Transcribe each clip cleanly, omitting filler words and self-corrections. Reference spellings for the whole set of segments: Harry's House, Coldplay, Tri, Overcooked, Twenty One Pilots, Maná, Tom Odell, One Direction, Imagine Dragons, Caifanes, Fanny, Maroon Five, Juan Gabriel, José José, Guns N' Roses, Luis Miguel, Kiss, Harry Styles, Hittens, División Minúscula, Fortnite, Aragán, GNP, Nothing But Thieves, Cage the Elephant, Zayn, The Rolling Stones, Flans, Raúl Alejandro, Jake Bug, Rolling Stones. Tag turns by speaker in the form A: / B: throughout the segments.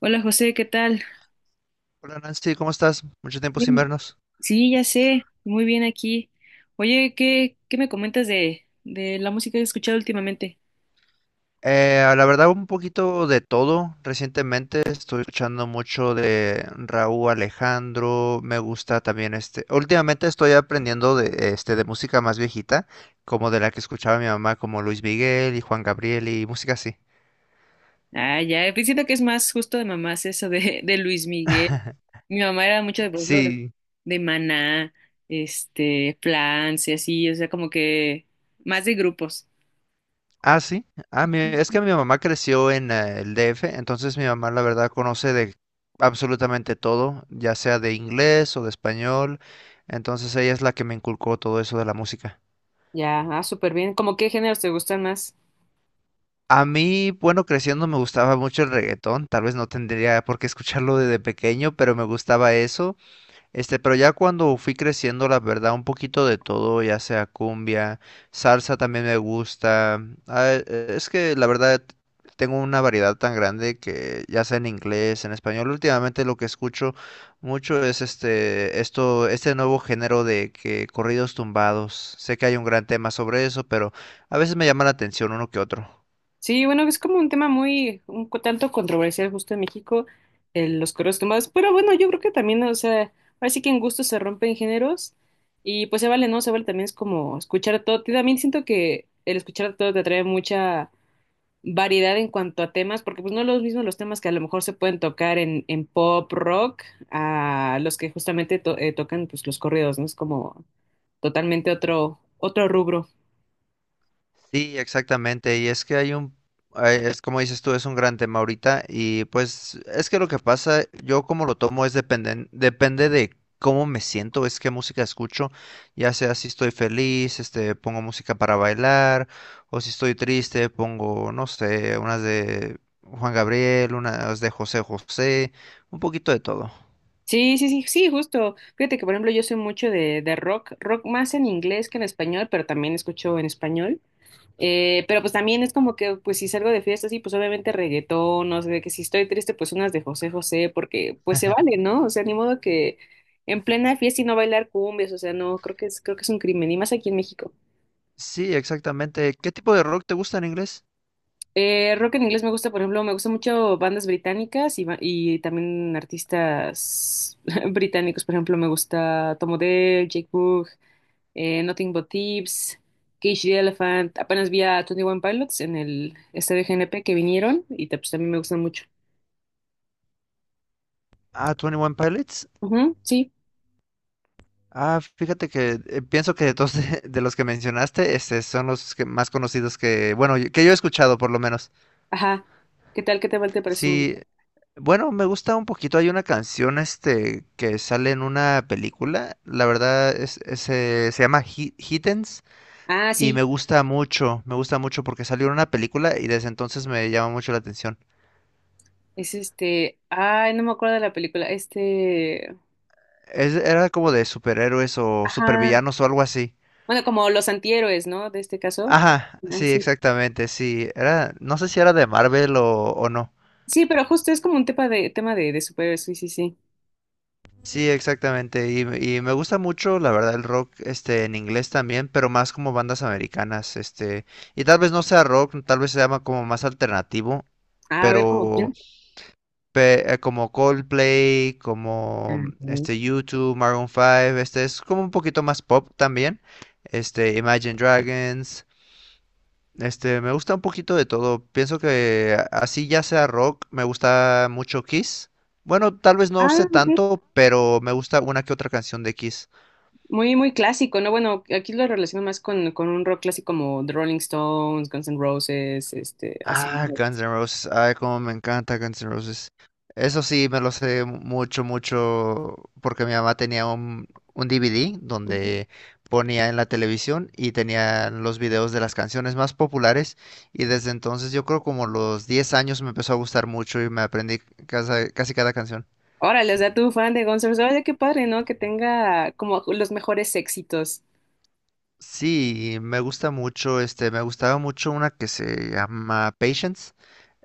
A: Hola José, ¿qué tal?
B: Hola Nancy, ¿cómo estás? Mucho tiempo sin
A: Bien.
B: vernos.
A: Sí, ya sé, muy bien aquí. Oye, ¿qué me comentas de la música que has escuchado últimamente?
B: La verdad, un poquito de todo. Recientemente estoy escuchando mucho de Raúl Alejandro. Me gusta también. Últimamente estoy aprendiendo de música más viejita, como de la que escuchaba mi mamá, como Luis Miguel y Juan Gabriel y música así.
A: Ah, ya, pues siento que es más justo de mamás eso de, de Luis Miguel. Mi mamá era mucho de, por ejemplo,
B: Sí.
A: de Maná, Flans y así, o sea, como que más de grupos.
B: Ah, sí. Ah, es que mi mamá creció en el DF, entonces mi mamá la verdad conoce de absolutamente todo, ya sea de inglés o de español, entonces ella es la que me inculcó todo eso de la música.
A: Ya, ah, súper bien. ¿Cómo qué géneros te gustan más?
B: A mí, bueno, creciendo me gustaba mucho el reggaetón, tal vez no tendría por qué escucharlo desde pequeño, pero me gustaba eso. Pero ya cuando fui creciendo, la verdad, un poquito de todo, ya sea cumbia, salsa también me gusta. Ah, es que la verdad tengo una variedad tan grande que ya sea en inglés, en español, últimamente lo que escucho mucho es este nuevo género de que corridos tumbados. Sé que hay un gran tema sobre eso, pero a veces me llama la atención uno que otro.
A: Sí, bueno, es como un tema muy, tanto controversial justo en México, los correos tumbados, pero bueno, yo creo que también, o sea, ahora sí que en gusto se rompen géneros y pues se vale, ¿no? Se vale también es como escuchar todo, y también siento que el escuchar todo te trae mucha variedad en cuanto a temas, porque pues no los mismos los temas que a lo mejor se pueden tocar en pop, rock, a los que justamente tocan pues los corridos, ¿no? Es como totalmente otro, otro rubro.
B: Sí, exactamente. Y es que es como dices tú, es un gran tema ahorita. Y pues es que lo que pasa, yo como lo tomo es depende de cómo me siento, es qué música escucho. Ya sea si estoy feliz, pongo música para bailar, o si estoy triste, pongo, no sé, unas de Juan Gabriel, unas de José José, un poquito de todo.
A: Sí, sí, sí, sí, justo. Fíjate que, por ejemplo, yo soy mucho de rock, rock más en inglés que en español, pero también escucho en español. Pero pues también es como que, pues si salgo de fiesta, sí, pues obviamente reggaetón, no sé, de que si estoy triste, pues unas de José José, porque pues se vale, ¿no? O sea, ni modo que en plena fiesta y no bailar cumbias, o sea, no, creo que es un crimen, y más aquí en México.
B: Sí, exactamente. ¿Qué tipo de rock te gusta en inglés?
A: Rock en inglés me gusta, por ejemplo, me gusta mucho bandas británicas y y también artistas británicos, por ejemplo, me gusta Tom Odell, Jake Bug, Nothing But Thieves, Cage the Elephant. Apenas vi a Twenty One Pilots en el este de GNP que vinieron y pues, también me gustan mucho.
B: Ah, Twenty One Pilots.
A: Ujú, sí,
B: Ah, fíjate que pienso que de todos de los que mencionaste, son los que más conocidos que, bueno, que yo he escuchado por lo menos.
A: ajá. ¿Qué tal? ¿Qué te va? ¿Te parece muy...
B: Sí, bueno, me gusta un poquito. Hay una canción, que sale en una película. La verdad es, se llama Hittens
A: Ah,
B: y me
A: sí,
B: gusta mucho. Me gusta mucho porque salió en una película y desde entonces me llama mucho la atención.
A: es este. Ay, no me acuerdo de la película. Este.
B: Era como de superhéroes o
A: Ajá.
B: supervillanos o algo así.
A: Bueno, como los antihéroes, ¿no? De este caso.
B: Ajá,
A: Ah,
B: sí,
A: sí.
B: exactamente, sí. Era, no sé si era de Marvel o no.
A: Sí, pero justo es como un tema de de superhéroes, sí, sí, sí.
B: Sí, exactamente. Y me gusta mucho, la verdad, el rock, en inglés también, pero más como bandas americanas, y tal vez no sea rock, tal vez se llama como más alternativo,
A: Ah, a ver, ¿cómo
B: pero
A: quién?
B: como Coldplay,
A: Ah,
B: como
A: ok.
B: YouTube, Maroon 5, este es como un poquito más pop también, Imagine Dragons, me gusta un poquito de todo. Pienso que así ya sea rock, me gusta mucho Kiss. Bueno, tal vez no
A: Ah,
B: sé
A: ok.
B: tanto, pero me gusta una que otra canción de Kiss.
A: Muy, muy clásico, ¿no? Bueno, aquí lo relaciono más con un rock clásico como The Rolling Stones, Guns N' Roses, este, así,
B: Ah,
A: ¿no?
B: Guns N' Roses. Ay, cómo me encanta Guns N' Roses. Eso sí, me lo sé mucho, mucho, porque mi mamá tenía un DVD donde ponía en la televisión y tenía los videos de las canciones más populares. Y desde entonces, yo creo como los 10 años me empezó a gustar mucho y me aprendí casi cada canción.
A: Órale, o sea, tú fan de Guns N' Roses, oye, qué padre, ¿no? Que tenga como los mejores éxitos.
B: Sí, me gusta mucho, me gustaba mucho una que se llama Patience,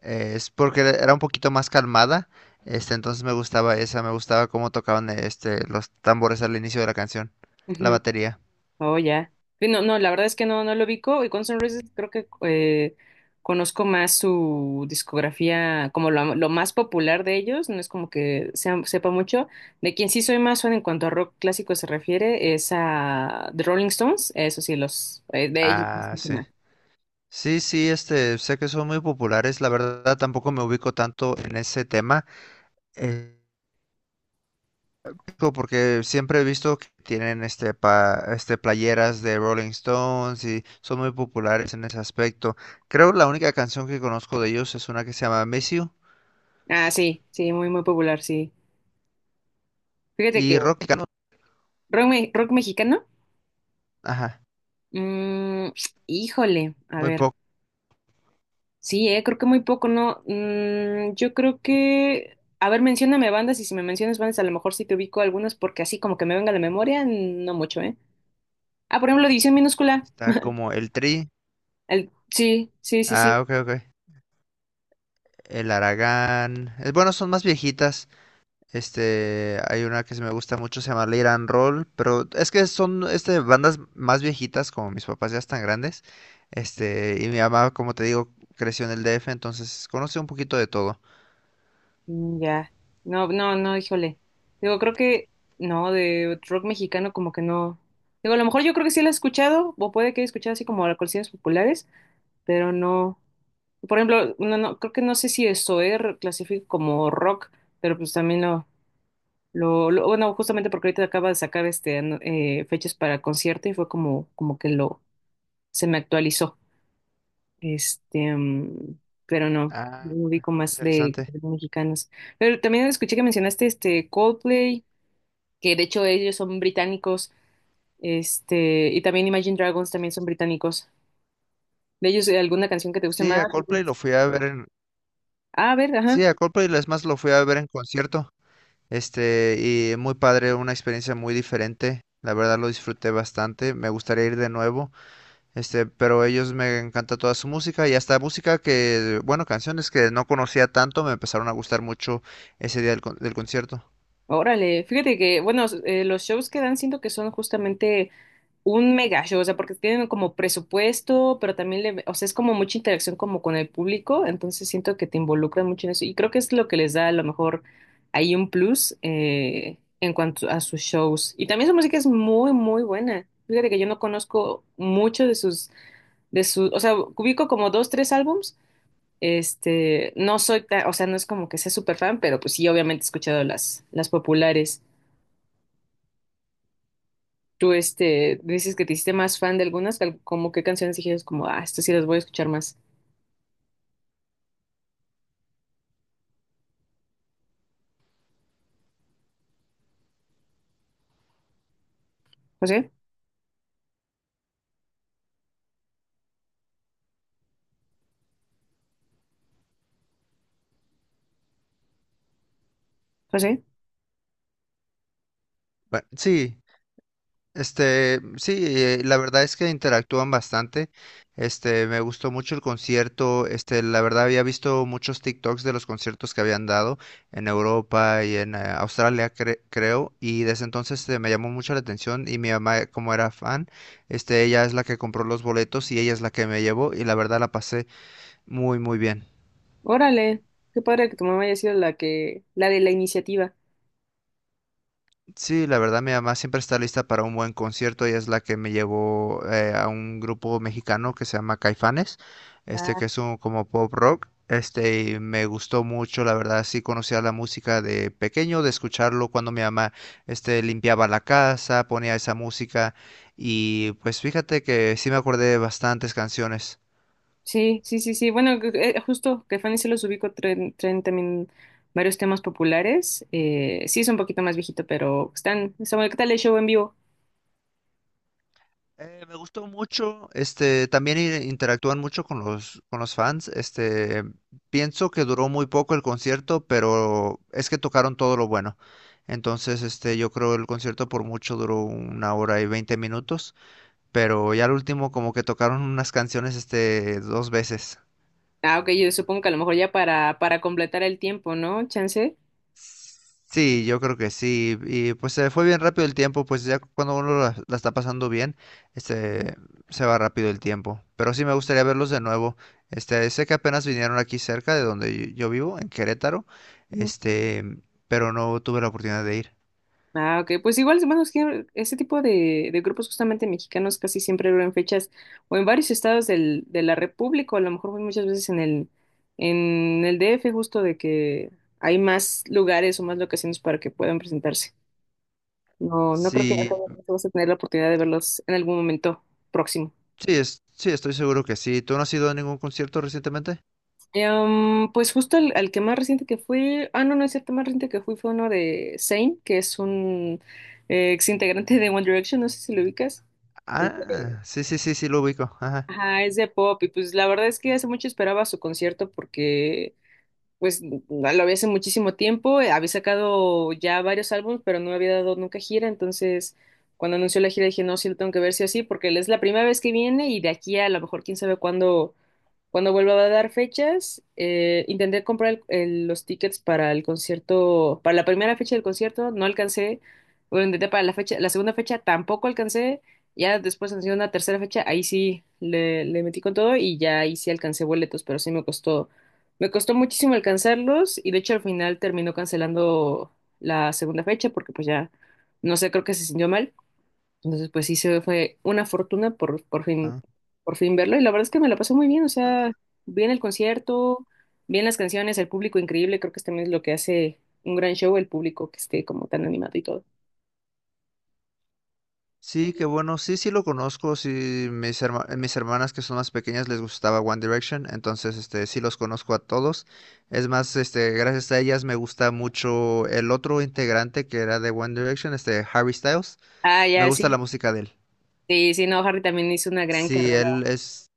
B: es porque era un poquito más calmada, entonces me gustaba esa, me gustaba cómo tocaban los tambores al inicio de la canción, la batería.
A: Oh, ya. Sí, no, no, la verdad es que no, no lo ubico. Y Guns N' Roses creo que conozco más su discografía, como lo más popular de ellos, no es como que sepa mucho. De quien sí soy más fan en cuanto a rock clásico se refiere es a The Rolling Stones, eso sí, los de ellos no
B: Ah,
A: escucho
B: sí.
A: nada.
B: Sí, sí, sé que son muy populares, la verdad tampoco me ubico tanto en ese tema. eh, Porque siempre he visto que tienen este, pa, este playeras de Rolling Stones y son muy populares en ese aspecto. Creo la única canción que conozco de ellos es una que se llama Miss You
A: Ah, sí, sí, muy, muy popular, sí. Fíjate que
B: y rock mexicano,
A: rock mexicano,
B: ajá,
A: mm, híjole, a
B: muy
A: ver.
B: poco.
A: Sí, creo que muy poco, ¿no? Mm, yo creo que, a ver, mencióname bandas y si me mencionas bandas, a lo mejor sí te ubico algunas porque así como que me venga a la memoria, no mucho, ¿eh? Ah, por ejemplo, División Minúscula.
B: Está como el Tri,
A: El... Sí, sí, sí, sí.
B: ah, ok, ok, el Aragán, bueno, son más viejitas. Hay una que se me gusta mucho, se llama Late and Roll, pero es que son bandas más viejitas, como mis papás ya están grandes. Y mi mamá, como te digo, creció en el DF, entonces conoce un poquito de todo.
A: Mm, ya. No, no, no, híjole. Digo, creo que, no, de rock mexicano como que no. Digo, a lo mejor yo creo que sí la he escuchado, o puede que haya escuchado así como las canciones populares, pero no. Por ejemplo, no, no, creo que no sé si eso, clasifico como rock, pero pues también no. Bueno, justamente porque ahorita acaba de sacar fechas para concierto y fue como, como que lo se me actualizó. Mm, pero no, no
B: Ah,
A: ubico más
B: interesante.
A: de mexicanos. Pero también escuché que mencionaste este Coldplay, que de hecho ellos son británicos, este, y también Imagine Dragons también son británicos. ¿De ellos alguna canción que te guste
B: Sí,
A: más?
B: a Coldplay lo fui a ver en...
A: Ah, a ver,
B: Sí,
A: ajá.
B: a Coldplay es más lo fui a ver en concierto. Este, y muy padre, una experiencia muy diferente. La verdad lo disfruté bastante. Me gustaría ir de nuevo. Pero ellos me encanta toda su música y hasta música que, bueno, canciones que no conocía tanto me empezaron a gustar mucho ese día del concierto.
A: Órale, fíjate que, bueno, los shows que dan siento que son justamente un mega show, o sea, porque tienen como presupuesto, pero también le, o sea, es como mucha interacción como con el público, entonces siento que te involucran mucho en eso y creo que es lo que les da a lo mejor ahí un plus en cuanto a sus shows. Y también su música es muy, muy buena. Fíjate que yo no conozco mucho de sus, o sea, ubico como dos, tres álbums. No soy tan, o sea, no es como que sea súper fan, pero pues sí, obviamente he escuchado las populares. Tú, este, dices que te hiciste más fan de algunas, como qué canciones dijiste, como, ah, estas sí las voy a escuchar más. José, José,
B: Bueno, sí, sí, la verdad es que interactúan bastante. Me gustó mucho el concierto. La verdad había visto muchos TikToks de los conciertos que habían dado en Europa y en Australia, creo, y desde entonces me llamó mucho la atención y mi mamá, como era fan, ella es la que compró los boletos y ella es la que me llevó y la verdad la pasé muy, muy bien.
A: órale, qué padre que tu mamá haya sido la que, la de la iniciativa.
B: Sí, la verdad mi mamá siempre está lista para un buen concierto. Ella es la que me llevó a un grupo mexicano que se llama Caifanes,
A: Ah,
B: que es un como pop rock. Y me gustó mucho, la verdad, sí conocía la música de pequeño, de escucharlo cuando mi mamá, limpiaba la casa, ponía esa música y pues fíjate que sí me acordé de bastantes canciones.
A: sí, sí, sí, sí. Bueno, justo que Fanny se los ubico, traen, traen también varios temas populares. Sí, es un poquito más viejito, pero están, está bueno. ¿Qué tal el show en vivo?
B: Me gustó mucho, también interactúan mucho con con los fans, pienso que duró muy poco el concierto, pero es que tocaron todo lo bueno. Entonces, yo creo el concierto por mucho duró una hora y 20 minutos, pero ya al último como que tocaron unas canciones, dos veces.
A: Ah, ok, yo supongo que a lo mejor ya para completar el tiempo, ¿no? Chance.
B: Sí, yo creo que sí. Y pues se fue bien rápido el tiempo, pues ya cuando uno la está pasando bien, este, se va rápido el tiempo. Pero sí me gustaría verlos de nuevo. Sé que apenas vinieron aquí cerca de donde yo vivo, en Querétaro, este, pero no tuve la oportunidad de ir.
A: Ah, ok, pues igual, bueno, es que ese tipo de grupos justamente mexicanos casi siempre duran fechas o en varios estados de la República, o a lo mejor muchas veces en el DF, justo de que hay más lugares o más locaciones para que puedan presentarse. No, no creo que
B: Sí,
A: vas a tener la oportunidad de verlos en algún momento próximo.
B: sí, sí, estoy seguro que sí. ¿Tú no has ido a ningún concierto recientemente?
A: Pues justo al que más reciente que fui, ah, no, no es cierto, más reciente que fui fue uno de Zayn, que es un ex integrante de One Direction, no sé si lo ubicas.
B: Ah,
A: Este,
B: sí, sí, sí, sí, lo ubico. Ajá.
A: ajá, es de pop y pues la verdad es que hace mucho esperaba su concierto porque pues no, lo había hace muchísimo tiempo, había sacado ya varios álbumes pero no había dado nunca gira, entonces cuando anunció la gira dije no, sí lo tengo que ver sí o sí porque es la primera vez que viene y de aquí a lo mejor quién sabe cuándo cuando vuelva a dar fechas, intenté comprar los tickets para el concierto, para la primera fecha del concierto, no alcancé. Bueno, intenté para la fecha, la segunda fecha tampoco alcancé. Ya después en una tercera fecha, ahí sí le metí con todo y ya ahí sí alcancé boletos, pero sí me costó muchísimo alcanzarlos y de hecho al final terminó cancelando la segunda fecha porque pues ya, no sé, creo que se sintió mal. Entonces, pues sí se fue una fortuna
B: Ah.
A: por fin verlo. Y la verdad es que me la pasé muy bien. O sea, bien el concierto, bien las canciones, el público increíble. Creo que también es lo que hace un gran show, el público que esté como tan animado y todo.
B: Sí, qué bueno. Sí, sí lo conozco. Sí, mis hermanas que son más pequeñas les gustaba One Direction, entonces sí los conozco a todos. Es más, gracias a ellas me gusta mucho el otro integrante que era de One Direction, Harry Styles.
A: Ah,
B: Me
A: ya,
B: gusta
A: sí.
B: la música de él.
A: Sí, sí, no, Harry también hizo una gran
B: Sí,
A: carrera.
B: él es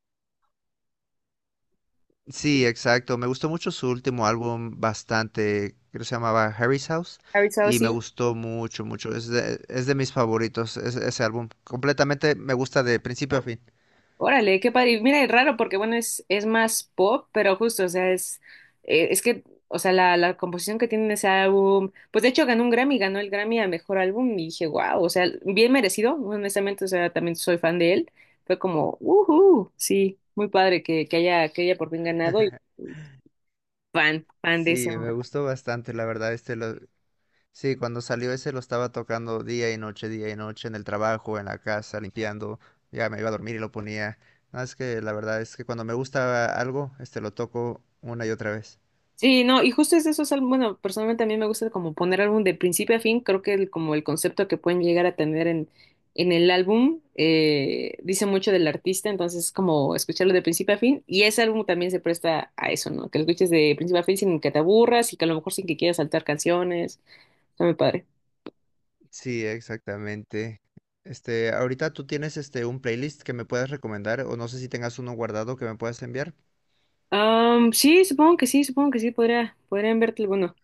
B: sí, exacto. Me gustó mucho su último álbum bastante, creo que se llamaba Harry's House
A: Harry Styles,
B: y me
A: sí.
B: gustó mucho, mucho. Es de mis favoritos ese álbum. Completamente me gusta de principio a fin.
A: Órale, qué padre. Y mira, es raro porque, bueno, es más pop, pero justo, o sea, es que, o sea, la composición que tiene ese álbum, pues de hecho ganó un Grammy, ganó el Grammy a mejor álbum y dije, wow, o sea, bien merecido, honestamente, o sea, también soy fan de él. Fue como, uhu, sí, muy padre que haya por fin ganado y fan, fan de ese
B: Sí, me
A: hombre.
B: gustó bastante, la verdad. Sí, cuando salió ese lo estaba tocando día y noche, en el trabajo, en la casa, limpiando. Ya me iba a dormir y lo ponía. No, es que la verdad es que cuando me gusta algo, lo toco una y otra vez.
A: Sí, no, y justo es de esos álbumes, bueno, personalmente a mí me gusta como poner álbum de principio a fin, creo que como el concepto que pueden llegar a tener en el álbum dice mucho del artista, entonces es como escucharlo de principio a fin, y ese álbum también se presta a eso, ¿no? Que lo escuches de principio a fin sin que te aburras y que a lo mejor sin que quieras saltar canciones, está muy padre.
B: Sí, exactamente. Ahorita tú tienes un playlist que me puedas recomendar, o no sé si tengas uno guardado que me puedas enviar.
A: Sí, supongo que sí, supongo que sí, podría, podrían verte alguno.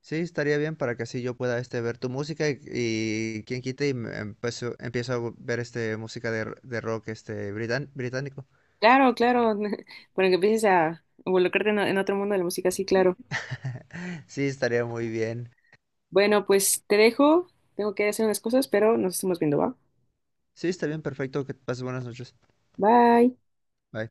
B: Sí, estaría bien para que así yo pueda ver tu música y quien quite y me empiezo a ver música de rock británico.
A: Claro, claro, para que empieces a involucrarte en otro mundo de la música, sí, claro.
B: Sí, estaría muy bien.
A: Bueno, pues te dejo. Tengo que hacer unas cosas, pero nos estamos viendo, ¿va?
B: Sí, está bien, perfecto, que pases buenas noches.
A: Bye.
B: Bye.